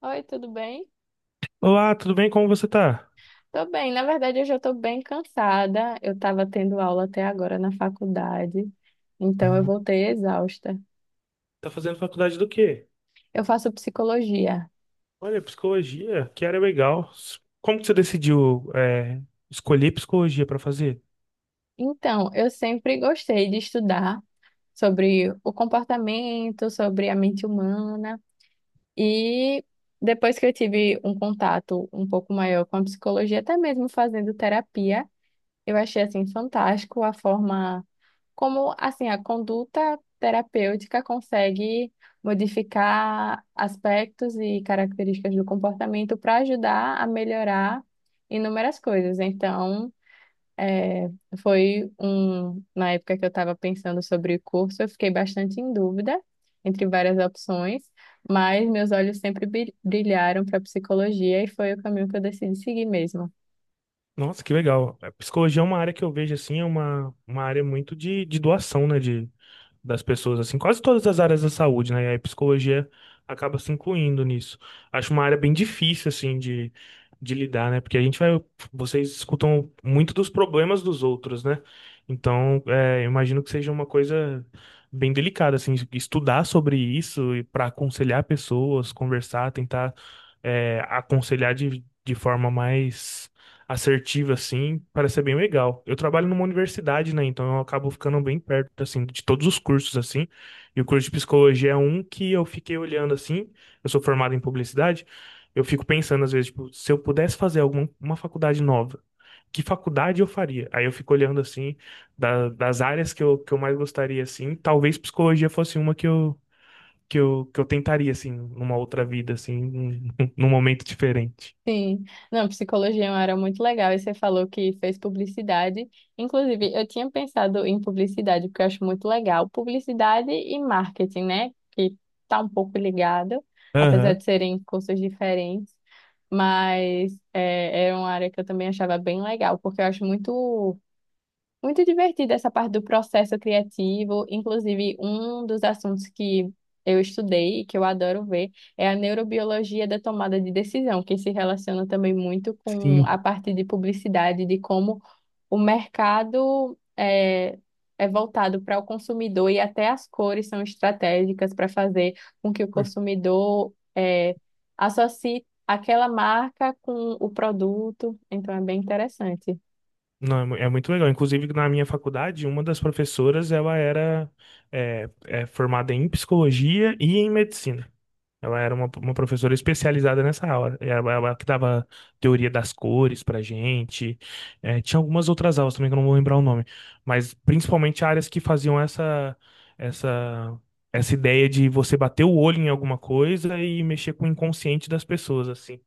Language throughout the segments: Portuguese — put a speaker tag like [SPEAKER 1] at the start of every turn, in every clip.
[SPEAKER 1] Oi, tudo bem?
[SPEAKER 2] Olá, tudo bem? Como você tá?
[SPEAKER 1] Tô bem, na verdade eu já tô bem cansada. Eu tava tendo aula até agora na faculdade, então eu voltei exausta.
[SPEAKER 2] Tá fazendo faculdade do quê?
[SPEAKER 1] Eu faço psicologia.
[SPEAKER 2] Olha, psicologia, que área legal. Como que você decidiu, escolher psicologia para fazer?
[SPEAKER 1] Então, eu sempre gostei de estudar sobre o comportamento, sobre a mente humana. E depois que eu tive um contato um pouco maior com a psicologia, até mesmo fazendo terapia, eu achei assim fantástico a forma como assim a conduta terapêutica consegue modificar aspectos e características do comportamento para ajudar a melhorar inúmeras coisas. Então, é, foi um, na época que eu estava pensando sobre o curso, eu fiquei bastante em dúvida entre várias opções, mas meus olhos sempre brilharam para psicologia e foi o caminho que eu decidi seguir mesmo.
[SPEAKER 2] Nossa, que legal. A psicologia é uma área que eu vejo assim, é uma área muito de doação, né? De das pessoas, assim, quase todas as áreas da saúde, né? E aí a psicologia acaba se incluindo nisso. Acho uma área bem difícil, assim, de lidar, né? Porque a gente vai, vocês escutam muito dos problemas dos outros, né? Então, eu imagino que seja uma coisa bem delicada, assim, estudar sobre isso e para aconselhar pessoas, conversar, tentar, aconselhar de forma mais assertiva, assim, parece ser bem legal. Eu trabalho numa universidade, né? Então eu acabo ficando bem perto, assim, de todos os cursos, assim. E o curso de psicologia é um que eu fiquei olhando, assim. Eu sou formado em publicidade. Eu fico pensando, às vezes, tipo, se eu pudesse fazer alguma uma faculdade nova, que faculdade eu faria? Aí eu fico olhando, assim, das áreas que eu mais gostaria, assim. Talvez psicologia fosse uma que eu, que eu tentaria, assim, numa outra vida, assim, num, num momento diferente.
[SPEAKER 1] Sim, não, psicologia é uma área muito legal. E você falou que fez publicidade. Inclusive, eu tinha pensado em publicidade, porque eu acho muito legal. Publicidade e marketing, né? Que tá um pouco ligado, apesar
[SPEAKER 2] Aham,
[SPEAKER 1] de serem cursos diferentes. Mas é, era uma área que eu também achava bem legal, porque eu acho muito. Muito divertida essa parte do processo criativo. Inclusive, um dos assuntos que eu estudei e que eu adoro ver é a neurobiologia da tomada de decisão, que se relaciona também muito com a
[SPEAKER 2] sim.
[SPEAKER 1] parte de publicidade, de como o mercado é voltado para o consumidor e até as cores são estratégicas para fazer com que o consumidor associe aquela marca com o produto. Então, é bem interessante.
[SPEAKER 2] Não, é muito legal. Inclusive, na minha faculdade, uma das professoras, ela era formada em psicologia e em medicina. Ela era uma professora especializada nessa aula. Ela que dava teoria das cores pra gente. É, tinha algumas outras aulas também que eu não vou lembrar o nome. Mas principalmente áreas que faziam essa, essa ideia de você bater o olho em alguma coisa e mexer com o inconsciente das pessoas, assim.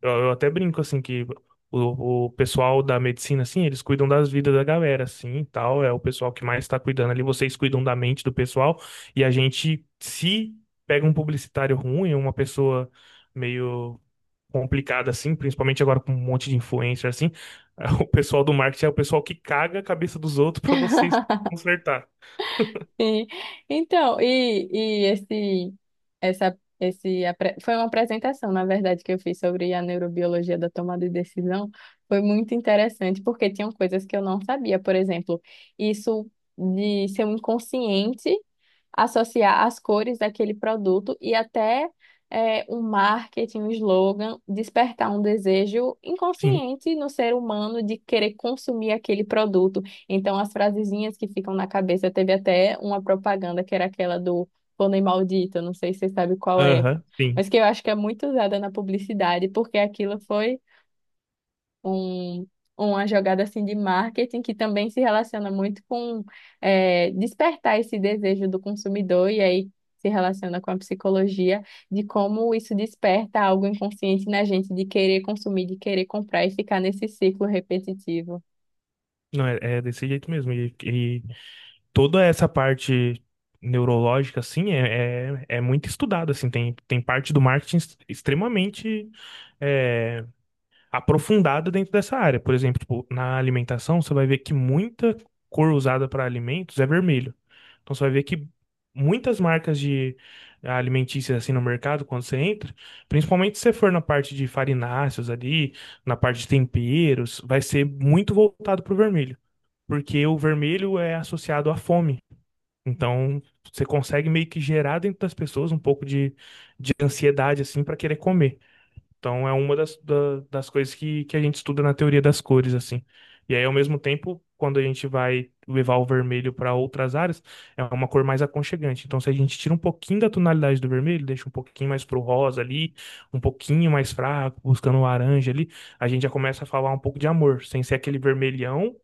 [SPEAKER 2] Eu até brinco, assim, que o pessoal da medicina, assim, eles cuidam das vidas da galera, assim, e tal. É o pessoal que mais tá cuidando ali. Vocês cuidam da mente do pessoal. E a gente, se pega um publicitário ruim, uma pessoa meio complicada, assim, principalmente agora com um monte de influencer, assim, o pessoal do marketing é o pessoal que caga a cabeça dos outros pra vocês consertar.
[SPEAKER 1] Sim. Então, e esse, essa, esse, apre- foi uma apresentação, na verdade, que eu fiz sobre a neurobiologia da tomada de decisão. Foi muito interessante, porque tinham coisas que eu não sabia. Por exemplo, isso de seu inconsciente associar as cores daquele produto e até um marketing, um slogan, despertar um desejo
[SPEAKER 2] Sim,
[SPEAKER 1] inconsciente no ser humano de querer consumir aquele produto. Então, as frasezinhas que ficam na cabeça, teve até uma propaganda que era aquela do pônei maldito, não sei se você sabe qual é,
[SPEAKER 2] aham, sim.
[SPEAKER 1] mas que eu acho que é muito usada na publicidade, porque aquilo foi um, uma jogada assim de marketing que também se relaciona muito com despertar esse desejo do consumidor e aí se relaciona com a psicologia de como isso desperta algo inconsciente na gente de querer consumir, de querer comprar e ficar nesse ciclo repetitivo.
[SPEAKER 2] Não, é desse jeito mesmo. E, toda essa parte neurológica, assim, é muito estudada, assim, tem parte do marketing extremamente é, aprofundada dentro dessa área. Por exemplo, tipo, na alimentação, você vai ver que muita cor usada para alimentos é vermelho. Então, você vai ver que muitas marcas de alimentícias, assim, no mercado, quando você entra, principalmente se você for na parte de farináceos ali, na parte de temperos, vai ser muito voltado para o vermelho. Porque o vermelho é associado à fome. Então, você consegue meio que gerar dentro das pessoas um pouco de ansiedade, assim, para querer comer. Então, é uma das coisas que a gente estuda na teoria das cores, assim. E aí, ao mesmo tempo, quando a gente vai levar o vermelho para outras áreas, é uma cor mais aconchegante. Então, se a gente tira um pouquinho da tonalidade do vermelho, deixa um pouquinho mais pro rosa ali, um pouquinho mais fraco, buscando o laranja ali, a gente já começa a falar um pouco de amor, sem ser aquele vermelhão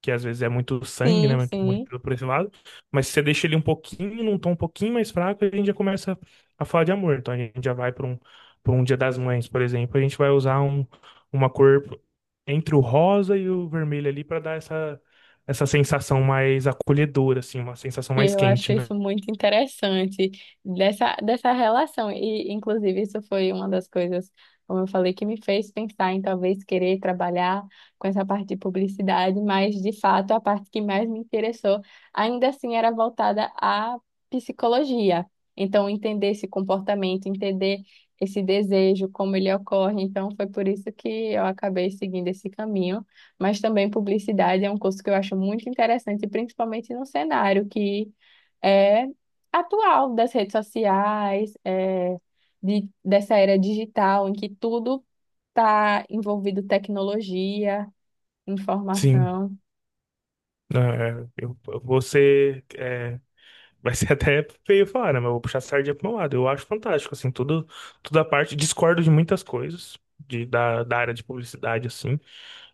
[SPEAKER 2] que às vezes é muito sangue, né?
[SPEAKER 1] Sim,
[SPEAKER 2] Muito,
[SPEAKER 1] sim.
[SPEAKER 2] muito por esse lado. Mas se você deixa ele um pouquinho, num tom um pouquinho mais fraco, a gente já começa a falar de amor. Então a gente já vai para um Dia das Mães, por exemplo. A gente vai usar um, uma cor entre o rosa e o vermelho ali para dar essa, essa sensação mais acolhedora, assim, uma sensação
[SPEAKER 1] E
[SPEAKER 2] mais
[SPEAKER 1] eu acho
[SPEAKER 2] quente, né?
[SPEAKER 1] isso muito interessante, dessa relação. E, inclusive, isso foi uma das coisas, como eu falei, que me fez pensar em talvez querer trabalhar com essa parte de publicidade, mas, de fato, a parte que mais me interessou, ainda assim, era voltada à psicologia. Então, entender esse comportamento, entender esse desejo, como ele ocorre. Então, foi por isso que eu acabei seguindo esse caminho. Mas também publicidade é um curso que eu acho muito interessante, principalmente no cenário que é atual das redes sociais, dessa era digital em que tudo está envolvido tecnologia,
[SPEAKER 2] Sim.
[SPEAKER 1] informação.
[SPEAKER 2] É, eu, você. é, Vai ser até feio falar, né? Mas eu vou puxar a sardinha pro meu lado. Eu acho fantástico, assim, tudo, toda a parte. Discordo de muitas coisas da área de publicidade, assim.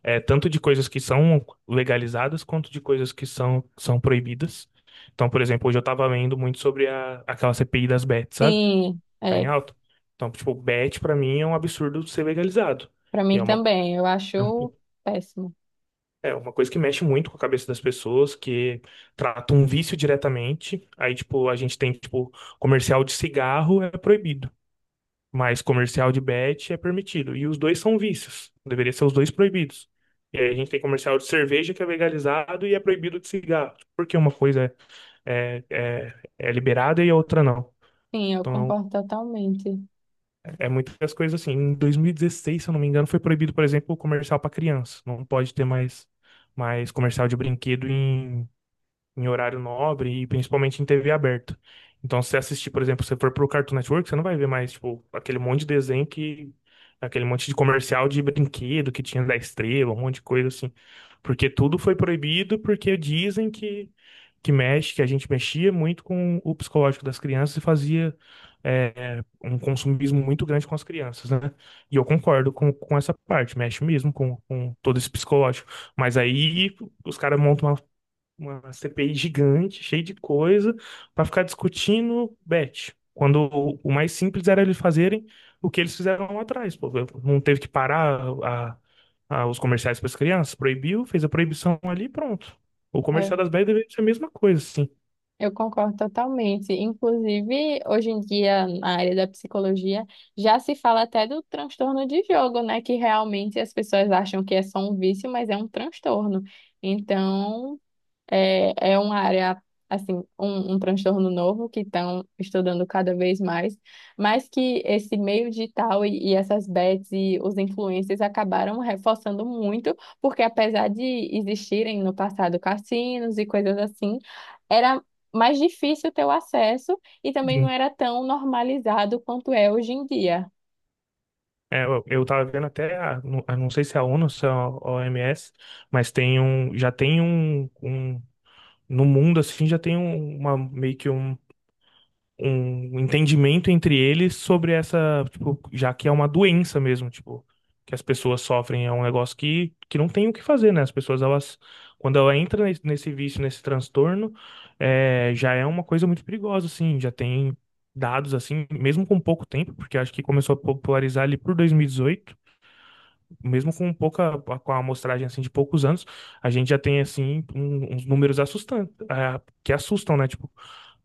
[SPEAKER 2] É, tanto de coisas que são legalizadas, quanto de coisas que são proibidas. Então, por exemplo, hoje eu tava lendo muito sobre a, aquela CPI das bets, sabe?
[SPEAKER 1] Sim,
[SPEAKER 2] Tá em
[SPEAKER 1] é,
[SPEAKER 2] alta. Então, tipo, bet pra mim é um absurdo ser legalizado.
[SPEAKER 1] para
[SPEAKER 2] E é
[SPEAKER 1] mim
[SPEAKER 2] uma.
[SPEAKER 1] também, eu acho péssimo.
[SPEAKER 2] É uma coisa que mexe muito com a cabeça das pessoas, que trata um vício diretamente. Aí, tipo, a gente tem, tipo, comercial de cigarro é proibido, mas comercial de bet é permitido. E os dois são vícios. Deveria ser os dois proibidos. E aí a gente tem comercial de cerveja que é legalizado e é proibido de cigarro. Porque uma coisa é, é, é liberada e a outra não.
[SPEAKER 1] Sim, eu
[SPEAKER 2] Então,
[SPEAKER 1] concordo totalmente.
[SPEAKER 2] é muitas coisas assim. Em 2016, se eu não me engano, foi proibido, por exemplo, o comercial para criança. Não pode ter mais, mais comercial de brinquedo em horário nobre e principalmente em TV aberta. Então, se você assistir, por exemplo, se você for pro Cartoon Network, você não vai ver mais, tipo, aquele monte de desenho que... Aquele monte de comercial de brinquedo que tinha da Estrela, um monte de coisa assim. Porque tudo foi proibido porque dizem que mexe, que a gente mexia muito com o psicológico das crianças e fazia um consumismo muito grande com as crianças, né? E eu concordo com essa parte, mexe mesmo com todo esse psicológico. Mas aí os caras montam uma CPI gigante, cheia de coisa, para ficar discutindo bet. Quando o mais simples era eles fazerem o que eles fizeram lá atrás, pô, não teve que parar a, os comerciais para as crianças, proibiu, fez a proibição ali, e pronto. O
[SPEAKER 1] É,
[SPEAKER 2] comercial das bets deveria ser a mesma coisa, sim.
[SPEAKER 1] eu concordo totalmente. Inclusive, hoje em dia, na área da psicologia, já se fala até do transtorno de jogo, né? Que realmente as pessoas acham que é só um vício, mas é um transtorno. Então, é uma área, assim, um transtorno novo que estão estudando cada vez mais, mas que esse meio digital e essas bets e os influencers acabaram reforçando muito, porque apesar de existirem no passado cassinos e coisas assim, era mais difícil ter o acesso e também não
[SPEAKER 2] Sim.
[SPEAKER 1] era tão normalizado quanto é hoje em dia.
[SPEAKER 2] Eu tava vendo até, não, eu não sei se é a ONU ou se é a OMS, mas tem um, já tem no mundo assim, já tem um- uma meio que um um entendimento entre eles sobre essa, tipo, já que é uma doença mesmo, tipo, que as pessoas sofrem, é um negócio que não tem o que fazer, né? As pessoas, elas, quando ela entra nesse vício, nesse transtorno, já é uma coisa muito perigosa, assim, já tem dados, assim, mesmo com pouco tempo, porque acho que começou a popularizar ali por 2018, mesmo com pouca, com a amostragem, assim, de poucos anos, a gente já tem, assim, um- uns números assustantes, ah, que assustam, né? Tipo,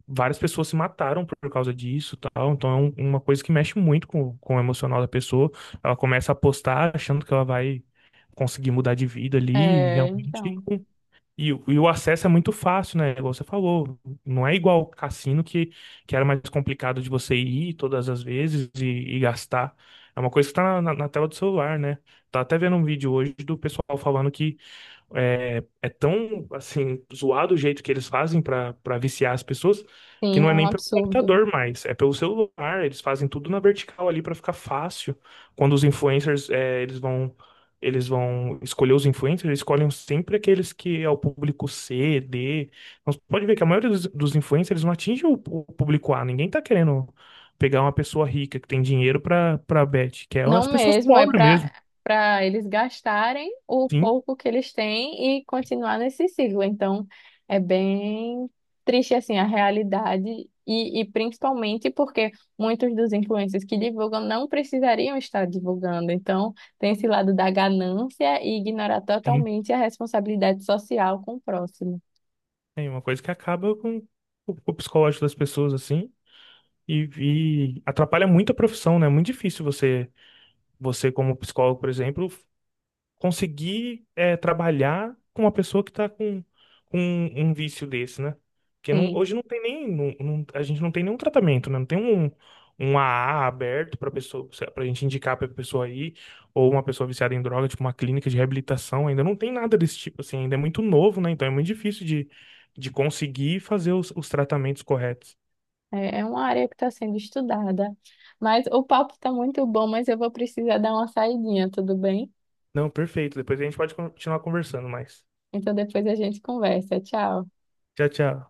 [SPEAKER 2] várias pessoas se mataram por causa disso, tal. Então é um- uma coisa que mexe muito com o emocional da pessoa. Ela começa a apostar achando que ela vai conseguir mudar de vida ali, e
[SPEAKER 1] É,
[SPEAKER 2] realmente.
[SPEAKER 1] então,
[SPEAKER 2] E, e o acesso é muito fácil, né? Igual você falou, não é igual o cassino que era mais complicado de você ir todas as vezes e gastar. É uma coisa que tá na, na tela do celular, né? Tá até vendo um vídeo hoje do pessoal falando que é tão, assim, zoado o jeito que eles fazem para viciar as pessoas, que
[SPEAKER 1] sim,
[SPEAKER 2] não é
[SPEAKER 1] é um
[SPEAKER 2] nem pelo
[SPEAKER 1] absurdo.
[SPEAKER 2] computador mais, é pelo celular. Eles fazem tudo na vertical ali para ficar fácil. Quando os influencers, eles vão escolher os influencers, eles escolhem sempre aqueles que é o público C, D. Então, você pode ver que a maioria dos influencers eles não atinge o público A. Ninguém tá querendo pegar uma pessoa rica que tem dinheiro para bet, que é as
[SPEAKER 1] Não
[SPEAKER 2] pessoas
[SPEAKER 1] mesmo, é
[SPEAKER 2] pobres mesmo.
[SPEAKER 1] para eles gastarem o
[SPEAKER 2] Sim,
[SPEAKER 1] pouco que eles têm e continuar nesse ciclo. Então, é bem triste assim a realidade e principalmente porque muitos dos influencers que divulgam não precisariam estar divulgando. Então, tem esse lado da ganância e ignorar
[SPEAKER 2] sim.
[SPEAKER 1] totalmente a responsabilidade social com o próximo.
[SPEAKER 2] É uma coisa que acaba com o psicológico das pessoas, assim, e, e atrapalha muito a profissão, né? É muito difícil você, você como psicólogo, por exemplo, conseguir é, trabalhar com uma pessoa que está com um vício desse, né? Porque
[SPEAKER 1] Sim,
[SPEAKER 2] hoje não tem nem, a gente não tem nenhum tratamento, né? Não tem um, um AA aberto para pessoa, para gente indicar para pessoa aí, ou uma pessoa viciada em droga, tipo uma clínica de reabilitação, ainda não tem nada desse tipo, assim, ainda é muito novo, né? Então é muito difícil de conseguir fazer os tratamentos corretos.
[SPEAKER 1] é uma área que está sendo estudada. Mas o papo está muito bom, mas eu vou precisar dar uma saidinha, tudo bem?
[SPEAKER 2] Não, perfeito. Depois a gente pode continuar conversando mais.
[SPEAKER 1] Então depois a gente conversa. Tchau.
[SPEAKER 2] Tchau, tchau.